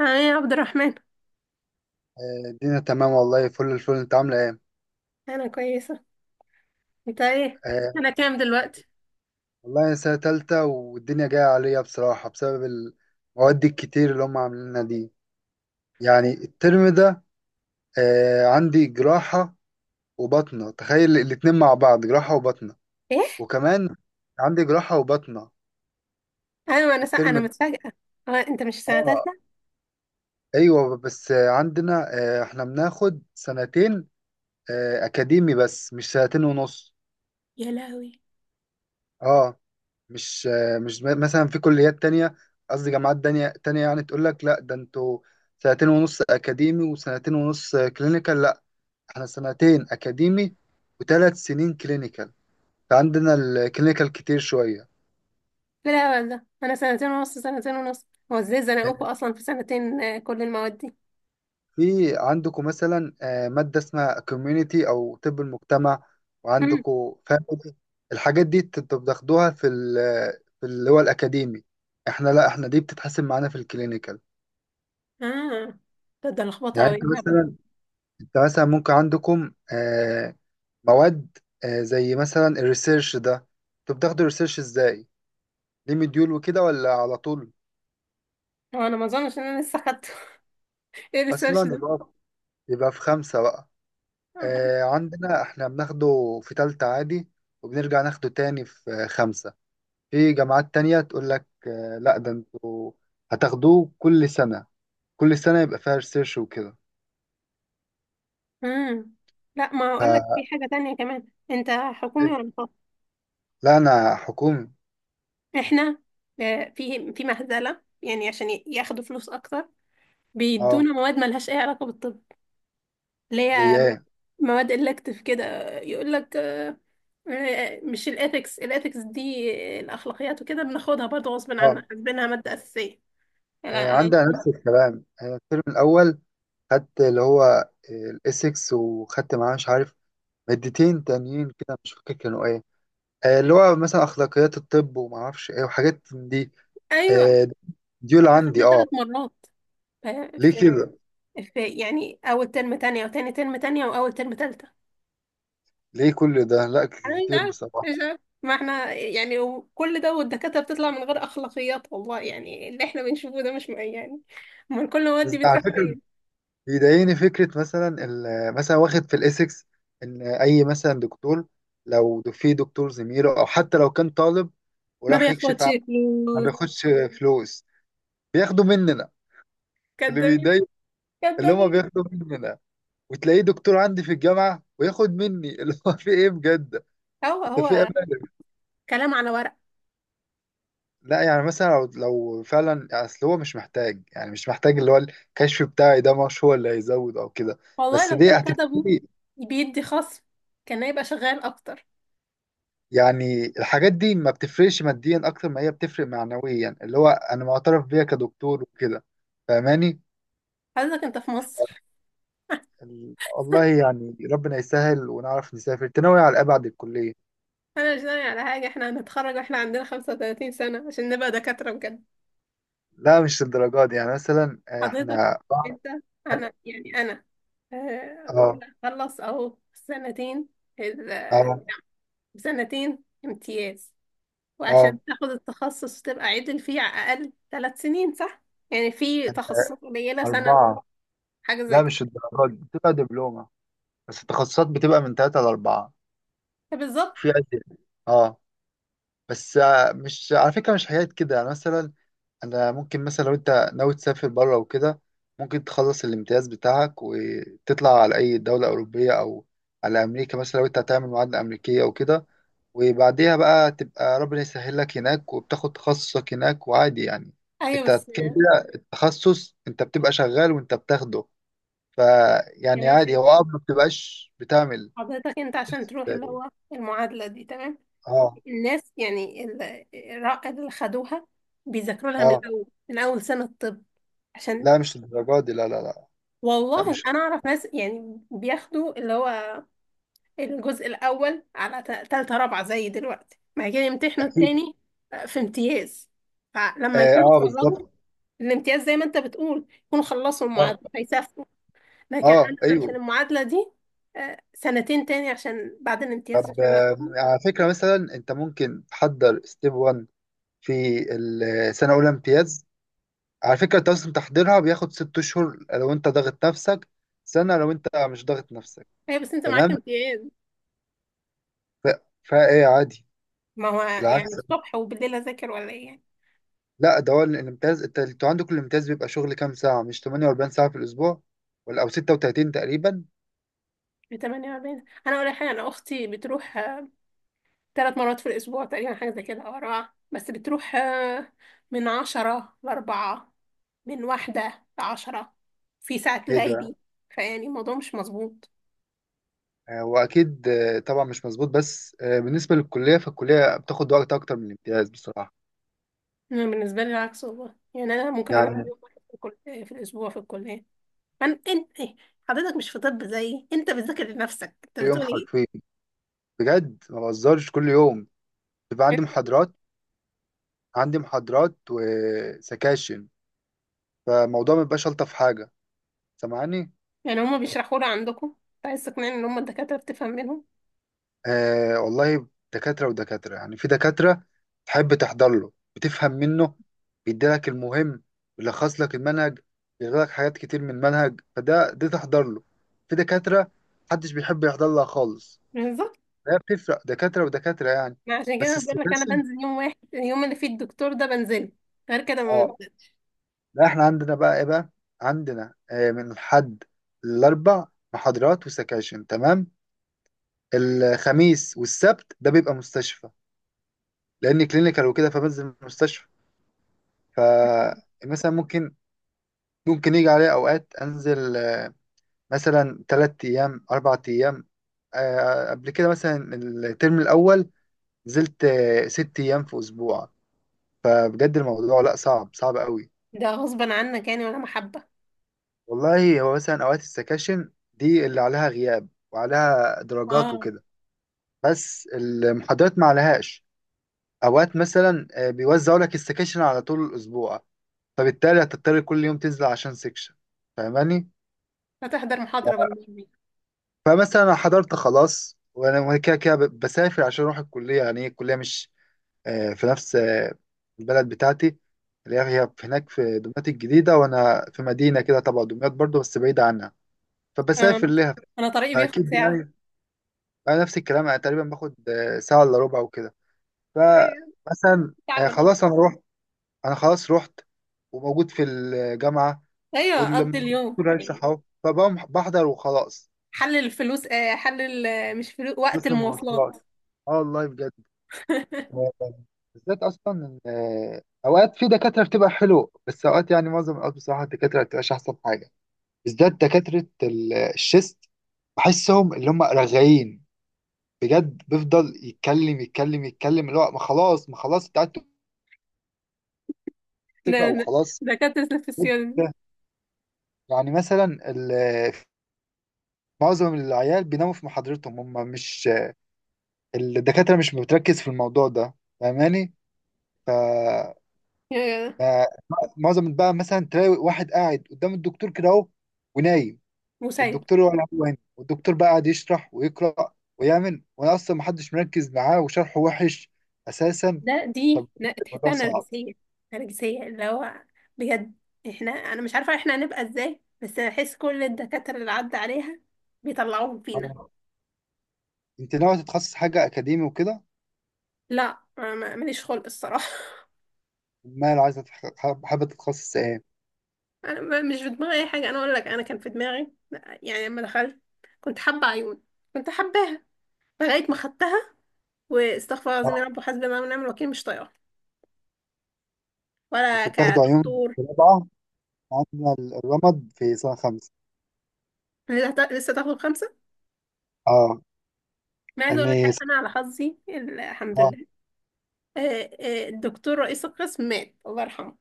اه، يا عبد الرحمن. الدنيا تمام والله، فل الفل، انت عامله ايه؟ انا كويسه. انت ايه؟ آه، انا كام دلوقتي؟ والله انا سنه تالتة والدنيا جايه عليا بصراحه بسبب المواد الكتير اللي هم عاملينها دي، يعني الترم ده. عندي جراحه وبطنه، تخيل الاتنين مع بعض جراحه وبطنه، ايه؟ وكمان عندي جراحه وبطنه ايوه، الترم انا ده. متفاجئه. هو انت مش في سنه اه، تالته؟ ايوه، بس عندنا احنا بناخد سنتين اكاديمي، بس مش سنتين ونص. يا لهوي! اه. مش مش مثلا في كليات تانية، قصدي جامعات تانية تانية، يعني تقول لك لا ده انتوا سنتين ونص أكاديمي وسنتين ونص كلينيكال. لا، احنا سنتين أكاديمي وثلاث سنين كلينيكال، فعندنا الكلينيكال كتير شوية. لا والله، انا سنتين ونص سنتين ونص، هو ازاي زنقوكوا اصلا في سنتين كل المواد دي. في عندكم مثلا مادة اسمها كوميونيتي أو طب المجتمع، مم. وعندكم فاميلي؟ الحاجات دي انتوا بتاخدوها في اللي هو الأكاديمي؟ احنا لا، دي بتتحسب معانا في الكلينيكال. اه، ده لخبطه يعني قوي انت الهبل ده. مثلا انت مثلا ممكن عندكم مواد، زي مثلا الريسيرش ده، انتوا بتاخدوا الريسيرش ازاي؟ ليه مديول وكده ولا على طول؟ هو انا ما اظنش ان انا لسه خدته. ايه الريسيرش اصلا ده؟ يبقى في خمسة بقى. عندنا احنا بناخده في تالتة عادي، وبنرجع ناخده تاني في خمسة. في جامعات تانية تقول لك لا ده انتوا هتاخدوه كل سنة، كل سنة يبقى فيها ريسيرش وكده. امم لا، ما اقول لك، في حاجه تانية كمان، انت حكومي ولا خاص؟ لا، انا حكومي. احنا في مهزله، يعني عشان ياخدوا فلوس اكتر، اه. بيدونا مواد ملهاش اي علاقة بالطب، اللي زي هي ايه؟ مواد إلكتيف كده. يقول لك مش الإثكس دي، الأخلاقيات وكده بناخدها برضه غصب عنا اه. حاسبينها مادة أساسية. لا أنا، عندنا نفس الكلام، الترم الاول خدت اللي هو الاسكس، وخدت معاه مش عارف مادتين تانيين كده، مش فاكر كانوا ايه، اللي هو مثلا اخلاقيات الطب وما اعرفش ايه وحاجات من دي. أيوه، آه، ديول إحنا عندي. خدناها اه. 3 مرات، ف- ليه في كده؟ في يعني أول ترم تانية، وتاني ترم تانية، وأول ترم تالتة. ليه كل ده؟ لا أنا مش كتير عارف، بصراحه. مش عارف، ما احنا يعني، وكل ده والدكاترة بتطلع من غير أخلاقيات والله. يعني اللي احنا بنشوفه ده مش يعني. امال كل المواد بس دي على بتروح فكره فين؟ بيضايقني فكره مثلا، مثلا واخد في الاسكس، ان اي مثلا دكتور، لو في دكتور زميله او حتى لو كان طالب ما وراح يكشف بياخدش عنه ما فلوس، بياخدش فلوس، بياخدوا مننا. اللي كدابين، بيضايق اللي هما كدابين، بياخدوا مننا، وتلاقيه دكتور عندي في الجامعة وياخد مني اللي هو في ايه بجد؟ هو انت في هو امانة؟ كلام على ورق. لا يعني، مثلا لو فعلا اصل هو مش محتاج، يعني مش محتاج اللي هو الكشف بتاعي ده، مش هو اللي هيزود او كده، والله بس لو دي كانوا كتبوا هتفرق. بيدي خصم، كان هيبقى شغال اكتر. يعني الحاجات دي ما بتفرقش ماديا اكتر ما هي بتفرق معنويا، اللي هو انا معترف بيها كدكتور وكده، فاهماني؟ حضرتك انت في مصر؟ والله يعني ربنا يسهل ونعرف نسافر، تناوي على ابعد الكلية؟ انا مش ناوي على حاجه، احنا هنتخرج واحنا عندنا 35 سنه عشان نبقى دكاتره بجد. لا مش للدرجات دي، يعني مثلا حضرتك احنا. انت، انا اه. خلص اهو سنتين، ال- اه. سنتين امتياز، اه. وعشان تاخد التخصص وتبقى عدل فيه على الاقل 3 سنين، صح؟ يعني في تخصصات قليله سنه، أربعة. حاجه زي لا كده. مش الدرجات دي، بتبقى دبلومة، بس التخصصات بتبقى من تلاتة لأربعة، بالظبط. في أزيد. اه. بس مش على فكرة مش حاجات كده، يعني مثلا أنا ممكن مثلا لو أنت ناوي تسافر بره وكده، ممكن تخلص الامتياز بتاعك وتطلع على أي دولة أوروبية أو على أمريكا مثلا، لو أنت هتعمل معادلة أمريكية وكده، وبعديها بقى تبقى ربنا يسهل لك هناك وبتاخد تخصصك هناك وعادي، يعني ايوه أنت بس، كده كده التخصص أنت بتبقى شغال وأنت بتاخده، يا فيعني عادي باشا، هو، اه، ما بتبقاش بتعمل. حضرتك انت عشان بس. تروح اللي اه. هو المعادله دي، تمام. اه. الناس يعني الرائد اللي خدوها بيذاكروا لها من آه، الاول، من اول سنه طب، عشان. لا مش الدرجات دي، لا لا لا. لا والله مش. انا اعرف ناس يعني بياخدوا اللي هو الجزء الاول على تالتة رابعه زي دلوقتي، بعد كده يمتحنوا اكيد. التاني في امتياز. فلما اه، يكونوا آه اتخرجوا، بالظبط. الامتياز زي ما انت بتقول يكونوا خلصوا اه. المعادله. لكن اه. انا عشان ايوه. المعادله دي سنتين تاني، عشان بعد الامتياز طب عشان اخدها. على فكره مثلا انت ممكن تحضر ستيب 1 في السنه الاولى امتياز. على فكره انت اصلا تحضيرها بياخد 6 اشهر لو انت ضاغط نفسك، سنه لو انت مش ضاغط نفسك. هي بس انت معاك تمام. امتياز. فايه عادي. ما هو بالعكس، يعني الصبح وبالليل اذاكر ولا ايه يعني؟ لا ده هو الامتياز. انتوا عندكم الامتياز بيبقى شغل كام ساعة؟ مش 48 ساعة في الأسبوع ولا أو 36 تقريبا؟ بتمانية ما بين. انا اقول لك حاجه، انا اختي بتروح 3 مرات في الاسبوع تقريبا، حاجه زي كده، او اربعه، بس بتروح من عشرة لأربعة، من واحدة لعشرة، في ساعة ايه ده؟ ليلي. فيعني الموضوع مش مظبوط. وأكيد طبعا مش مظبوط، بس بالنسبة للكلية، فالكلية بتاخد وقت أكتر من الامتياز بصراحة. أنا بالنسبة لي العكس والله. يعني أنا ممكن أروح يعني يوم واحد في الأسبوع في الكلية. انت إيه؟ حضرتك مش في طب زيي، انت بتذاكر لنفسك، انت كل يوم بتقول ايه حرفيا، بجد ما بهزرش، كل يوم بيبقى يعني؟ عندي محاضرات وسكاشن. فالموضوع ما بيبقاش ألطف حاجة، سامعني؟ يعني هما بيشرحوا لي عندكم، انت عايز تقنعني ان هما الدكاترة بتفهم منهم؟ آه والله، دكاترة ودكاترة، يعني في دكاترة تحب تحضر له، بتفهم منه، بيديلك المهم، بيلخص لك المنهج، بيغير لك حاجات كتير من المنهج، فده تحضر له. في دكاترة محدش بيحب يحضر لها خالص، بالظبط. هي بتفرق دكاترة ودكاترة يعني. ما عشان كده بس أنا بقول لك، انا السكاشن. بنزل يوم واحد، اليوم اللي فيه الدكتور ده بنزله، غير كده اه. لا احنا عندنا بقى ايه بقى، عندنا من الحد الأربع محاضرات وسكاشن تمام. الخميس والسبت ده بيبقى مستشفى، لأن كلينيكال وكده، فبنزل المستشفى. فمثلا ممكن يجي عليا أوقات أنزل مثلا 3 أيام 4 أيام، قبل كده مثلا الترم الأول نزلت 6 أيام في أسبوع. فبجد الموضوع لأ، صعب صعب قوي. ده غصبا عنك يعني ولا محبة؟ والله هو مثلا أوقات السكاشن دي اللي عليها غياب وعليها درجات اه، وكده، بس المحاضرات ما عليهاش. أوقات مثلا بيوزعوا لك السكاشن على طول الأسبوع، فبالتالي هتضطر كل يوم تنزل عشان سكشن، فاهماني؟ هتحضر محاضرة بالنسبة. فمثلا أنا حضرت خلاص، وانا كده كده بسافر عشان اروح الكليه، يعني هي الكليه مش في نفس البلد بتاعتي، اللي هي هناك في دمياط الجديده، وانا في مدينه كده تبع دمياط برضو بس بعيده عنها، فبسافر اه، لها. انا طريقي بياخد اكيد ساعة. يعني، انا نفس الكلام، انا تقريبا باخد ساعه الا ربع وكده. ايوه، فمثلا ساعة الا ربع. خلاص انا رحت، انا خلاص رحت وموجود في الجامعه، ايوه، اقضي اليوم والدكتور يعني. هيشرح اهو، فبقوم بحضر وخلاص. حل الفلوس، حل مش فلوس، وقت بس المواصلات، المواصلات. اه والله بجد. بالذات اصلا إن، آه، اوقات في دكاتره بتبقى حلو، بس اوقات يعني معظم الاوقات بصراحه الدكاتره ما بتبقاش احسن حاجه، بالذات دكاتره الشيست، بحسهم اللي هم رغايين بجد، بيفضل يتكلم يتكلم يتكلم، اللي هو ما خلاص ما خلاص، انت قاعد تقرا ده ده- وخلاص. دكاترة في السيادة. يعني مثلا، ال- معظم العيال بيناموا في محاضرتهم، هم مش الدكاتره مش بتركز في الموضوع ده، فاهماني؟ آه، معظم بقى مثلا تلاقي واحد قاعد قدام الدكتور كده اهو ونايم، مسيب. والدكتور ولا هو هنا، والدكتور بقى قاعد يشرح ويقرأ ويعمل، وانا اصلا محدش مركز معاه وشرحه وحش اساسا. طب الموضوع تحسها صعب. نرجسية. نرجسية اللي هو، بجد، احنا، انا مش عارفة احنا هنبقى ازاي، بس بحس كل الدكاترة اللي عدى عليها بيطلعوهم فينا. آه، انت ناوي تتخصص حاجة اكاديمي وكده؟ لا، ماليش خلق الصراحة. امال عايزة حابة تتخصص ايه؟ انا مش في دماغي اي حاجة. انا اقول لك، انا كان في دماغي يعني لما دخلت، كنت حابة عيون، كنت حباها، لغاية ما خدتها، واستغفر الله آه، العظيم يا رب وحسبي الله ونعم الوكيل، مش طايقة ولا انت بتاخده عيون كدكتور. في رابعة؟ عندنا الرمد في سنة خمسة. لسه لسه تاخد خمسة. اه. ما عايزة اقول لك اني. حاجة، انا على حظي الحمد اه. لله، آه، الدكتور رئيس القسم مات الله يرحمه.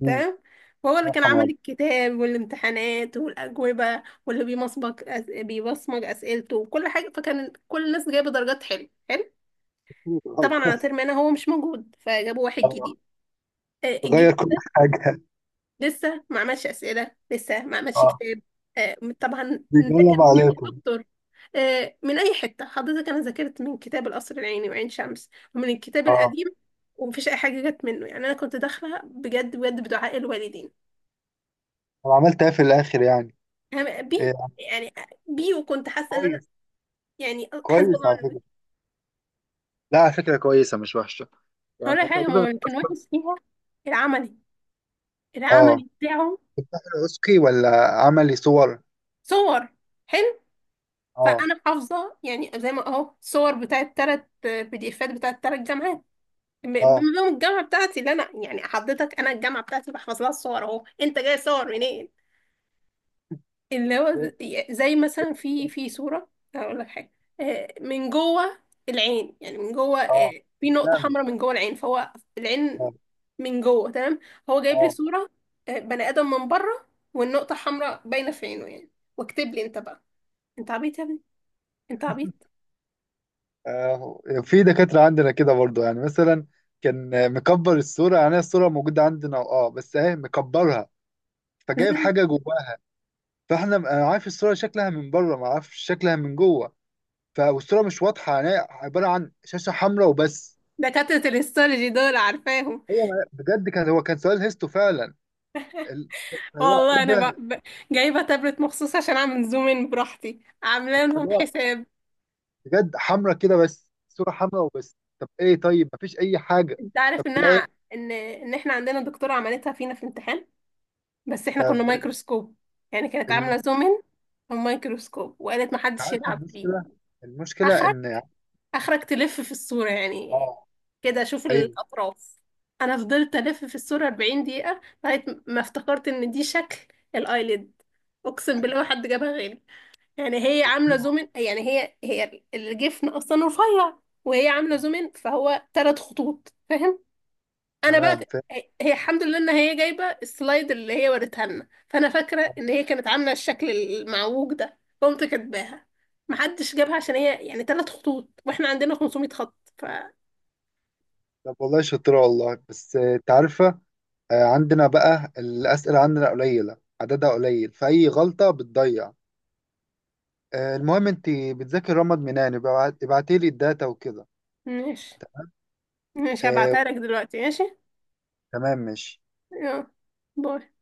مم. تمام. فهو اللي سنة كان حمراء. عامل الكتاب والامتحانات والأجوبة، واللي بيبصمج أسئلته وكل حاجة، فكان كل الناس جايبة درجات حلوة، حلو. طبعا على ترم أنا، هو مش موجود، فجابوا واحد جديد، غير كل حاجة. لسه ما عملش أسئلة، لسه ما عملش آه. كتاب، طبعا. نذاكر بيجلب منين يا عليكم. دكتور؟ من أي حتة. حضرتك، أنا ذاكرت من كتاب القصر العيني وعين شمس، ومن الكتاب اه. القديم، ومفيش أي حاجة جت منه، يعني أنا كنت داخلة بجد بجد بدعاء الوالدين. انا عملت ايه في الاخر يعني؟ أنا إيه بي يعني؟ يعني، بي، وكنت حاسة إن أنا، كويس. يعني، حاسبة كويس الله على ونعم الوكيل. فكره، لا على فكره كويسه مش وحشه، يعني هقول لك حاجة، هو تقريبا اللي كان وحش فيها العملي، اه. العملي بتاعه. اسكي ولا عملي صور؟ صور. حلو. اه. فأنا حافظة، يعني زي ما أهو، صور بتاعت تلات PDFات بتاعت تلات جامعات، من اه. يوم الجامعة بتاعتي، اللي أنا يعني حضرتك، أنا الجامعة بتاعتي بحفظ لها الصور، أهو أنت جاي صور منين؟ اللي هو زي مثلا في صورة، هقول لك حاجة، من جوه العين، يعني من جوه، اه. في نقطة نعم. حمراء من جوه العين، فهو العين اه. من جوه، تمام، هو جايب لي اه. صورة، بني آدم من بره، والنقطة حمراء باينة في عينه يعني، واكتب لي أنت بقى. أنت عبيط يا ابني، أنت عبيط. آه، في دكاتره عندنا كده برضو، يعني مثلا كان مكبر الصوره، يعني الصوره موجوده عندنا، اه، بس اهي مكبرها، فجايب حاجه جواها. انا عارف الصوره شكلها من بره، ما اعرفش شكلها من جوه، فالصوره مش واضحه، يعني هي عباره عن شاشه حمراء وبس. دكاترة الهيستولوجي دول عارفاهم. هو بجد، هو كان سؤال هيستو فعلا، ال- اللي هو ايه والله انا بقى ده، جايبه تابلت مخصوص عشان اعمل زوم ان براحتي، عامله لهم اللي هو حساب. بجد حمراء كده، بس صوره حمراء وبس، طب ايه؟ طيب مفيش اي حاجه، انت عارف طب ده انها، ايه؟ ان احنا عندنا دكتوره عملتها فينا في امتحان، بس احنا طب كنا مايكروسكوب، يعني كانت عامله ال- زوم ان ومايكروسكوب، وقالت محدش عارفه يلعب فيه. المشكله، المشكله اخرك، ان يعني. اخرك تلف في الصوره اه، يعني، كده اشوف ايوه. الاطراف. انا فضلت الف في الصوره 40 دقيقه لغايه ما افتكرت ان دي شكل الايلid. اقسم بالله ما حد جابها غيري، يعني هي طب عاملة حلو. يعني هي هي الجفن أصلا رفيع، وهي عاملة زوم إن، فهو 3 خطوط، فاهم؟ أنا بقى، تمام فاهم. هي هي الحمد لله إن هي جايبة السلايد اللي هي وريتها لنا، فأنا فاكرة إن هي كانت عاملة الشكل المعوج ده، قمت كاتباها. محدش جابها عشان هي يعني 3 خطوط، واحنا عندنا 500 خط طب والله شاطرة والله، بس انت عارفة، عندنا بقى الأسئلة عندنا قليلة، عددها قليل، فأي غلطة بتضيع. المهم، انت بتذاكر رمض منان، يبقى ابعتي لي الداتا وكده. ماشي، ماشي، آه، هبعتها لك دلوقتي، ماشي. تمام ماشي. يلا، باي.